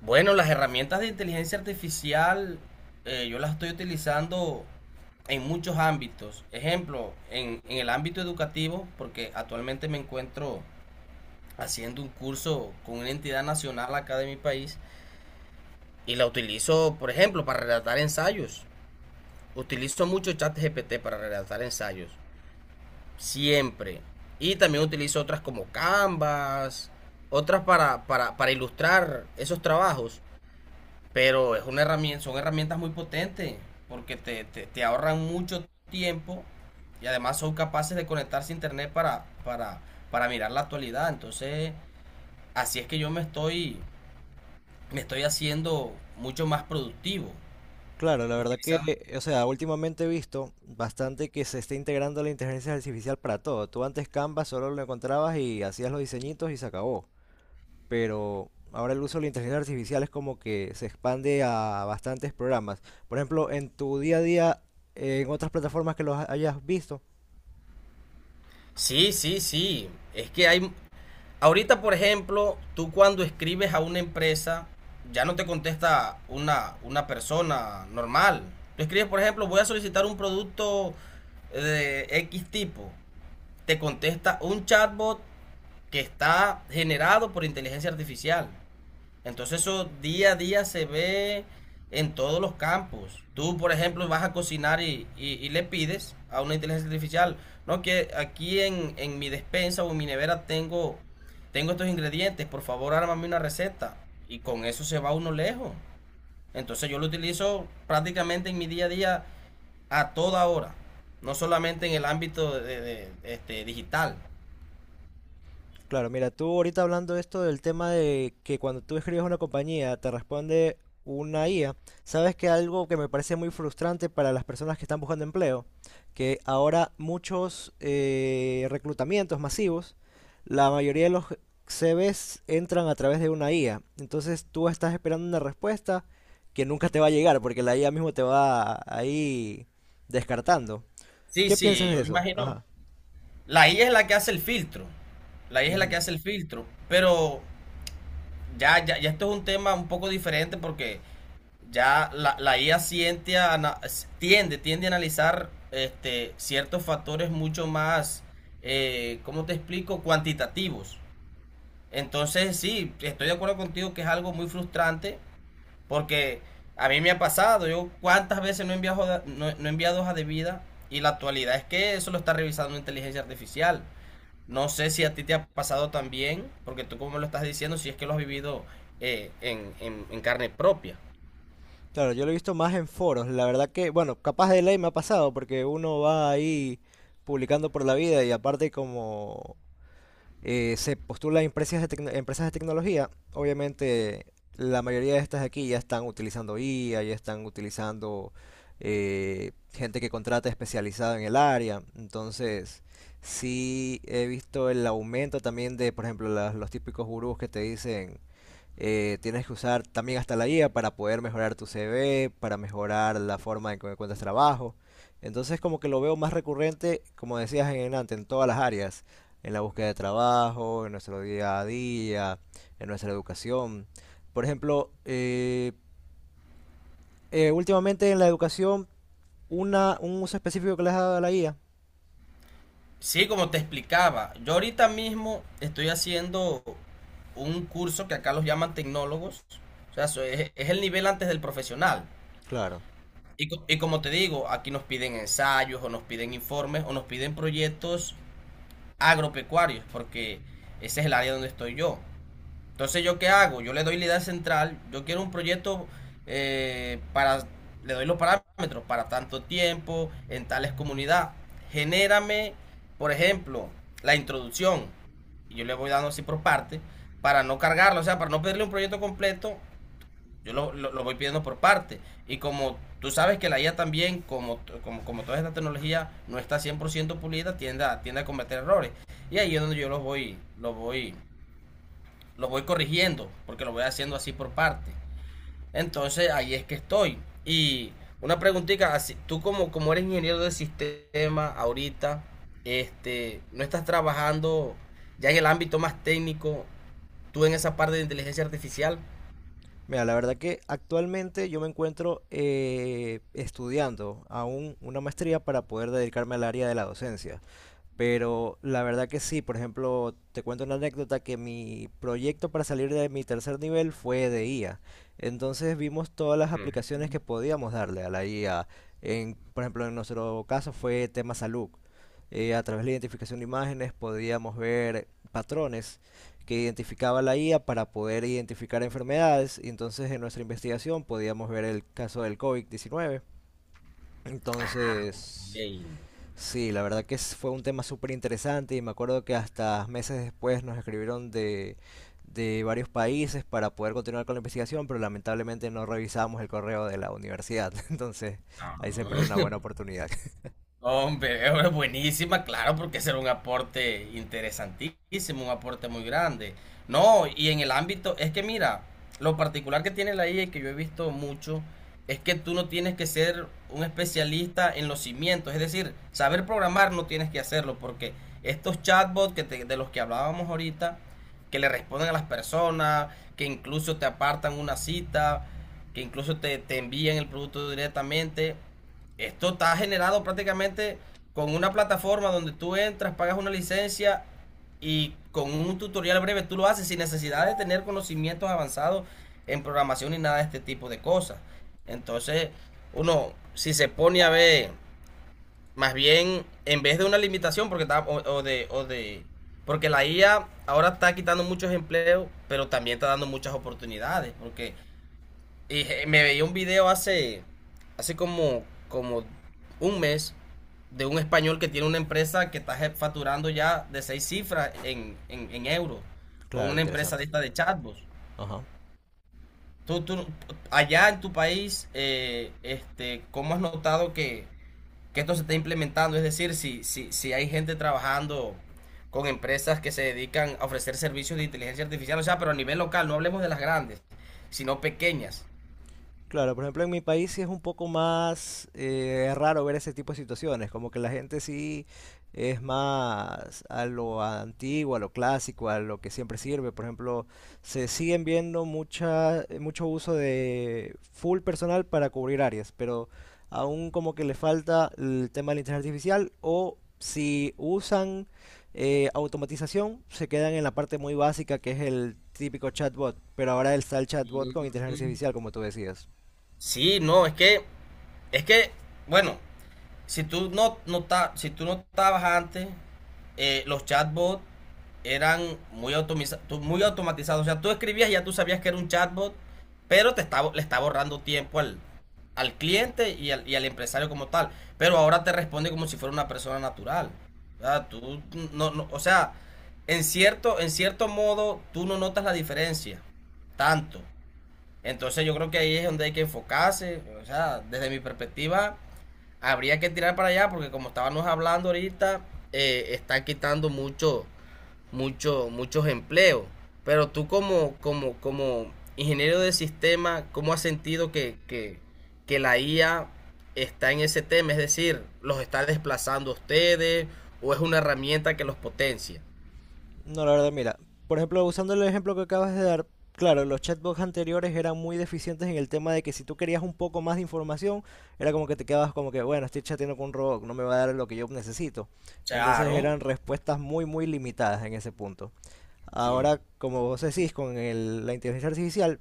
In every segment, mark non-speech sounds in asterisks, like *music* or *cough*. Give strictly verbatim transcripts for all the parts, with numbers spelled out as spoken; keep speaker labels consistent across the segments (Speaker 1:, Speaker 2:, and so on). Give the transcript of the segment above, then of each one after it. Speaker 1: Bueno, las herramientas de inteligencia artificial eh, yo las estoy utilizando en muchos ámbitos. Ejemplo, en, en el ámbito educativo, porque actualmente me encuentro haciendo un curso con una entidad nacional acá de mi país y la utilizo, por ejemplo, para redactar ensayos. Utilizo mucho ChatGPT para redactar ensayos, siempre. Y también utilizo otras como Canvas, otras para, para, para ilustrar esos trabajos. Pero es una herramienta, son herramientas muy potentes porque te, te, te ahorran mucho tiempo y además son capaces de conectarse a internet para, para, para mirar la actualidad. Entonces, así es que yo me estoy, me estoy haciendo mucho más productivo
Speaker 2: Claro, la verdad
Speaker 1: utilizando.
Speaker 2: que, o sea, últimamente he visto bastante que se está integrando la inteligencia artificial para todo. Tú antes Canva solo lo encontrabas y hacías los diseñitos y se acabó. Pero ahora el uso de la inteligencia artificial es como que se expande a bastantes programas. Por ejemplo, en tu día a día, en otras plataformas que los hayas visto.
Speaker 1: Sí, sí, sí. Es que hay, Ahorita, por ejemplo, tú cuando escribes a una empresa, ya no te contesta una, una persona normal. Tú escribes, por ejemplo, voy a solicitar un producto eh, de X tipo. Te contesta un chatbot que está generado por inteligencia artificial. Entonces eso día a día se ve en todos los campos. Tú, por ejemplo, vas a cocinar y, y- y le pides a una inteligencia artificial, no que aquí en, en mi despensa o en mi nevera tengo, tengo estos ingredientes, por favor, ármame una receta. Y con eso se va uno lejos. Entonces yo lo utilizo prácticamente en mi día a día a toda hora, no solamente en el ámbito de, de- este, digital.
Speaker 2: Claro, mira, tú ahorita hablando de esto del tema de que cuando tú escribes a una compañía te responde una I A, sabes que algo que me parece muy frustrante para las personas que están buscando empleo, que ahora muchos eh, reclutamientos masivos, la mayoría de los C Vs entran a través de una I A, entonces tú estás esperando una respuesta que nunca te va a llegar porque la I A mismo te va ahí descartando.
Speaker 1: Sí,
Speaker 2: ¿Qué
Speaker 1: sí,
Speaker 2: piensas de
Speaker 1: yo me
Speaker 2: eso?
Speaker 1: imagino.
Speaker 2: Ajá.
Speaker 1: La I A es la que hace el filtro. La I A es la que
Speaker 2: Ujú.
Speaker 1: hace el filtro. Pero ya, ya, ya esto es un tema un poco diferente porque ya la, la I A siente a ana- tiende, tiende a analizar este, ciertos factores mucho más, eh, ¿cómo te explico? Cuantitativos. Entonces, sí, estoy de acuerdo contigo que es algo muy frustrante porque a mí me ha pasado. Yo cuántas veces no he enviado, no, no he enviado hojas de vida y la actualidad es que eso lo está revisando inteligencia artificial. No sé si a ti te ha pasado también, porque tú como lo estás diciendo, si es que lo has vivido eh, en, en- en carne propia.
Speaker 2: Claro, yo lo he visto más en foros. La verdad que, bueno, capaz de ley me ha pasado porque uno va ahí publicando por la vida y aparte como eh, se postula a empresas de, tecno- empresas de tecnología, obviamente la mayoría de estas de aquí ya están utilizando I A, ya están utilizando eh, gente que contrata especializada en el área. Entonces, sí he visto el aumento también de, por ejemplo, las- los típicos gurús que te dicen... Eh, tienes que usar también hasta la I A para poder mejorar tu C V, para mejorar la forma en que encuentras trabajo. Entonces como que lo veo más recurrente, como decías en antes, en todas las áreas, en la búsqueda de trabajo, en nuestro día a día, en nuestra educación. Por ejemplo, eh, eh, últimamente en la educación, una, un uso específico que le has dado a la I A.
Speaker 1: Sí, como te explicaba, yo ahorita mismo estoy haciendo un curso que acá los llaman tecnólogos. O sea, so- es, es el nivel antes del profesional.
Speaker 2: Claro.
Speaker 1: Y, co- y como te digo, aquí nos piden ensayos o nos piden informes o nos piden proyectos agropecuarios, porque ese es el área donde estoy yo. Entonces, ¿yo qué hago? Yo le doy la idea central, yo quiero un proyecto eh, para, le doy los parámetros, para tanto tiempo, en tales comunidades. Genérame, por ejemplo, la introducción, y yo le voy dando así por parte, para no cargarlo, o sea, para no pedirle un proyecto completo, yo lo, lo- lo voy pidiendo por parte. Y como tú sabes que la I A también, como, como, como toda esta tecnología no está cien por ciento pulida, tiende a, tiende a cometer errores. Y ahí es donde yo los voy, los voy lo voy corrigiendo, porque lo voy haciendo así por parte. Entonces ahí es que estoy. Y una preguntita, así, tú como, como eres ingeniero de sistema ahorita, este, no estás trabajando ya en el ámbito más técnico, tú en esa parte de inteligencia artificial.
Speaker 2: Mira, la verdad que actualmente yo me encuentro eh, estudiando aún una maestría para poder dedicarme al área de la docencia. Pero la verdad que sí, por ejemplo, te cuento una anécdota que mi proyecto para salir de mi tercer nivel fue de I A. Entonces vimos todas las aplicaciones que podíamos darle a la I A. En, por ejemplo, en nuestro caso fue tema salud. Eh, a través de la identificación de imágenes podíamos ver patrones que identificaba la I A para poder identificar enfermedades. Y entonces en nuestra investigación podíamos ver el caso del covid diecinueve. Entonces,
Speaker 1: Ey,
Speaker 2: sí, la verdad que es- fue un tema súper interesante y me acuerdo que hasta meses después nos escribieron de, de varios países para poder continuar con la investigación, pero lamentablemente no revisamos el correo de la universidad, *laughs* entonces ahí se perdió una
Speaker 1: no.
Speaker 2: buena oportunidad. *laughs*
Speaker 1: No, Hombre, *laughs* es buenísima, claro, porque será un aporte interesantísimo, un aporte muy grande. No, y en el ámbito, es que mira, lo particular que tiene la I A y que yo he visto mucho, es que tú no tienes que ser un especialista en los cimientos, es decir, saber programar no tienes que hacerlo, porque estos chatbots que te- de los que hablábamos ahorita, que le responden a las personas, que incluso te apartan una cita, que incluso te, te envían el producto directamente. Esto está generado prácticamente con una plataforma donde tú entras, pagas una licencia y con un tutorial breve tú lo haces sin necesidad de tener conocimientos avanzados en programación ni nada de este tipo de cosas. Entonces, uno, si se pone a ver, más bien, en vez de una limitación, porque está, o, o de, o de, porque la I A ahora está quitando muchos empleos, pero también está dando muchas oportunidades, porque y eh, me veía un video hace, hace como, como un mes de un español que tiene una empresa que está je- facturando ya de seis cifras en, en, en euros con
Speaker 2: Claro,
Speaker 1: una empresa de
Speaker 2: interesante.
Speaker 1: esta de chatbots.
Speaker 2: Ajá.
Speaker 1: Tú, tú, allá en tu país, eh, este, ¿cómo has notado que, que esto se está implementando? Es decir, si, si, si hay gente trabajando con empresas que se dedican a ofrecer servicios de inteligencia artificial, o sea, pero a nivel local, no hablemos de las grandes, sino pequeñas.
Speaker 2: Claro, por ejemplo, en mi país sí es un poco más eh, raro ver ese tipo de situaciones, como que la gente sí es más a lo antiguo, a lo clásico, a lo que siempre sirve. Por ejemplo, se siguen viendo mucha, eh, mucho uso de full personal para cubrir áreas, pero aún como que le falta el tema de la inteligencia artificial o si usan eh, automatización, se quedan en la parte muy básica que es el típico chatbot, pero ahora está el chatbot con inteligencia artificial, como tú decías.
Speaker 1: Sí, no, es que, es que, bueno, si tú no, no ta- si tú no estabas antes, eh, los chatbots eran muy, automiza- tu- muy automatizados. O sea, tú escribías y ya tú sabías que era un chatbot, pero te está, bo- le está borrando tiempo al, al cliente y al, y al empresario como tal. Pero ahora te responde como si fuera una persona natural. O sea, tú no, no- o sea, en cierto, en cierto modo, tú no notas la diferencia tanto. Entonces yo creo que ahí es donde hay que enfocarse. O sea, desde mi perspectiva, habría que tirar para allá porque como estábamos hablando ahorita, eh, están quitando mucho, mucho, muchos empleos. Pero tú como, como, como ingeniero de sistema, ¿cómo has sentido que, que, que la I A está en ese tema? Es decir, ¿los está desplazando a ustedes o es una herramienta que los potencia?
Speaker 2: No, la verdad, mira, por ejemplo, usando el ejemplo que acabas de dar, claro, los chatbots anteriores eran muy deficientes en el tema de que si tú querías un poco más de información, era como que te quedabas como que, bueno, estoy chateando con un robot, no me va a dar lo que yo necesito. Entonces
Speaker 1: Claro,
Speaker 2: eran respuestas muy, muy limitadas en ese punto.
Speaker 1: Sí,
Speaker 2: Ahora, como vos decís, con el- la inteligencia artificial,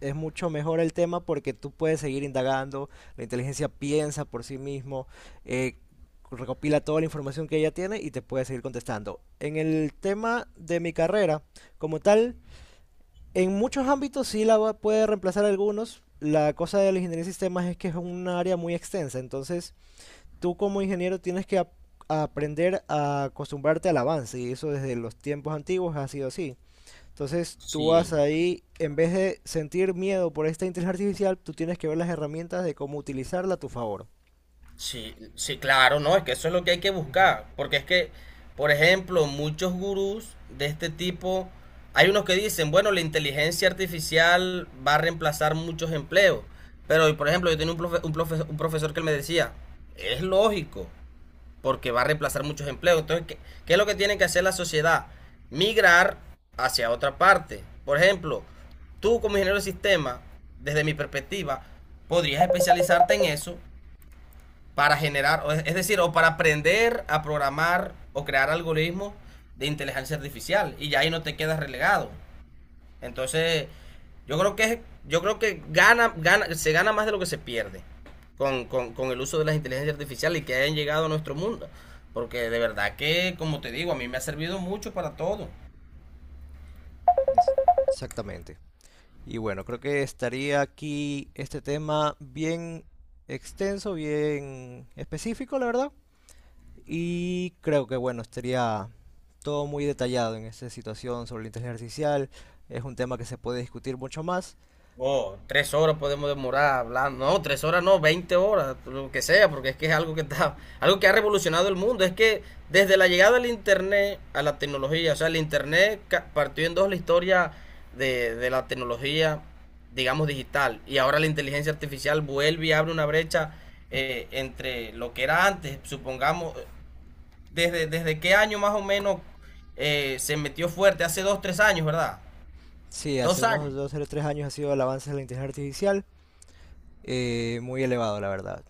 Speaker 2: es mucho mejor el tema porque tú puedes seguir indagando, la inteligencia piensa por sí mismo, eh, recopila toda la información que ella tiene y te puede seguir contestando. En el tema de mi carrera, como tal, en muchos ámbitos sí la va- puede reemplazar algunos. La cosa de la ingeniería de sistemas es que es un área muy extensa, entonces tú como ingeniero tienes que ap- aprender a acostumbrarte al avance y eso desde los tiempos antiguos ha sido así. Entonces tú vas
Speaker 1: sí.
Speaker 2: ahí, en vez de sentir miedo por esta inteligencia artificial, tú tienes que ver las herramientas de cómo utilizarla a tu favor.
Speaker 1: Sí, sí, claro, no, es que eso es lo que hay que
Speaker 2: Ujú,
Speaker 1: buscar, porque es que, por ejemplo, muchos gurús de este tipo, hay unos que dicen, bueno, la inteligencia artificial va a reemplazar muchos empleos, pero, por ejemplo, yo tenía un, profe- un profe- un profesor que él me decía, es lógico, porque va a reemplazar muchos empleos, entonces, ¿qué, qué es lo que tiene que hacer la sociedad? Migrar hacia otra parte. Por ejemplo, tú como ingeniero de sistema, desde mi perspectiva, podrías especializarte en eso para generar, o es decir, o para aprender a programar o crear algoritmos de inteligencia artificial y ya ahí no te quedas relegado. Entonces, yo creo que yo creo que gana, gana, se gana más de lo que se pierde con, con- con el uso de las inteligencias artificiales y que hayan llegado a nuestro mundo. Porque de verdad que, como te digo, a mí me ha servido mucho para todo.
Speaker 2: es- exactamente. Y bueno, creo que estaría aquí este tema bien extenso, bien específico, la verdad. Y creo que bueno, estaría todo muy detallado en esta situación sobre la inteligencia artificial. Es un tema que se puede discutir mucho más.
Speaker 1: Oh, tres horas podemos demorar hablando. No, tres horas no, veinte horas, lo que sea, porque es que es algo que está, algo que ha revolucionado el mundo. Es que desde la llegada del Internet a la tecnología, o sea, el Internet ca- partió en dos la historia de, de la tecnología, digamos, digital. Y ahora la inteligencia artificial vuelve y abre una brecha eh, entre lo que era antes, supongamos, desde, desde qué año más o menos eh, se metió fuerte, hace dos, tres años, ¿verdad?
Speaker 2: Sí, hace
Speaker 1: Dos años.
Speaker 2: unos dos o tres años ha sido el avance de la inteligencia artificial eh, muy elevado, la verdad.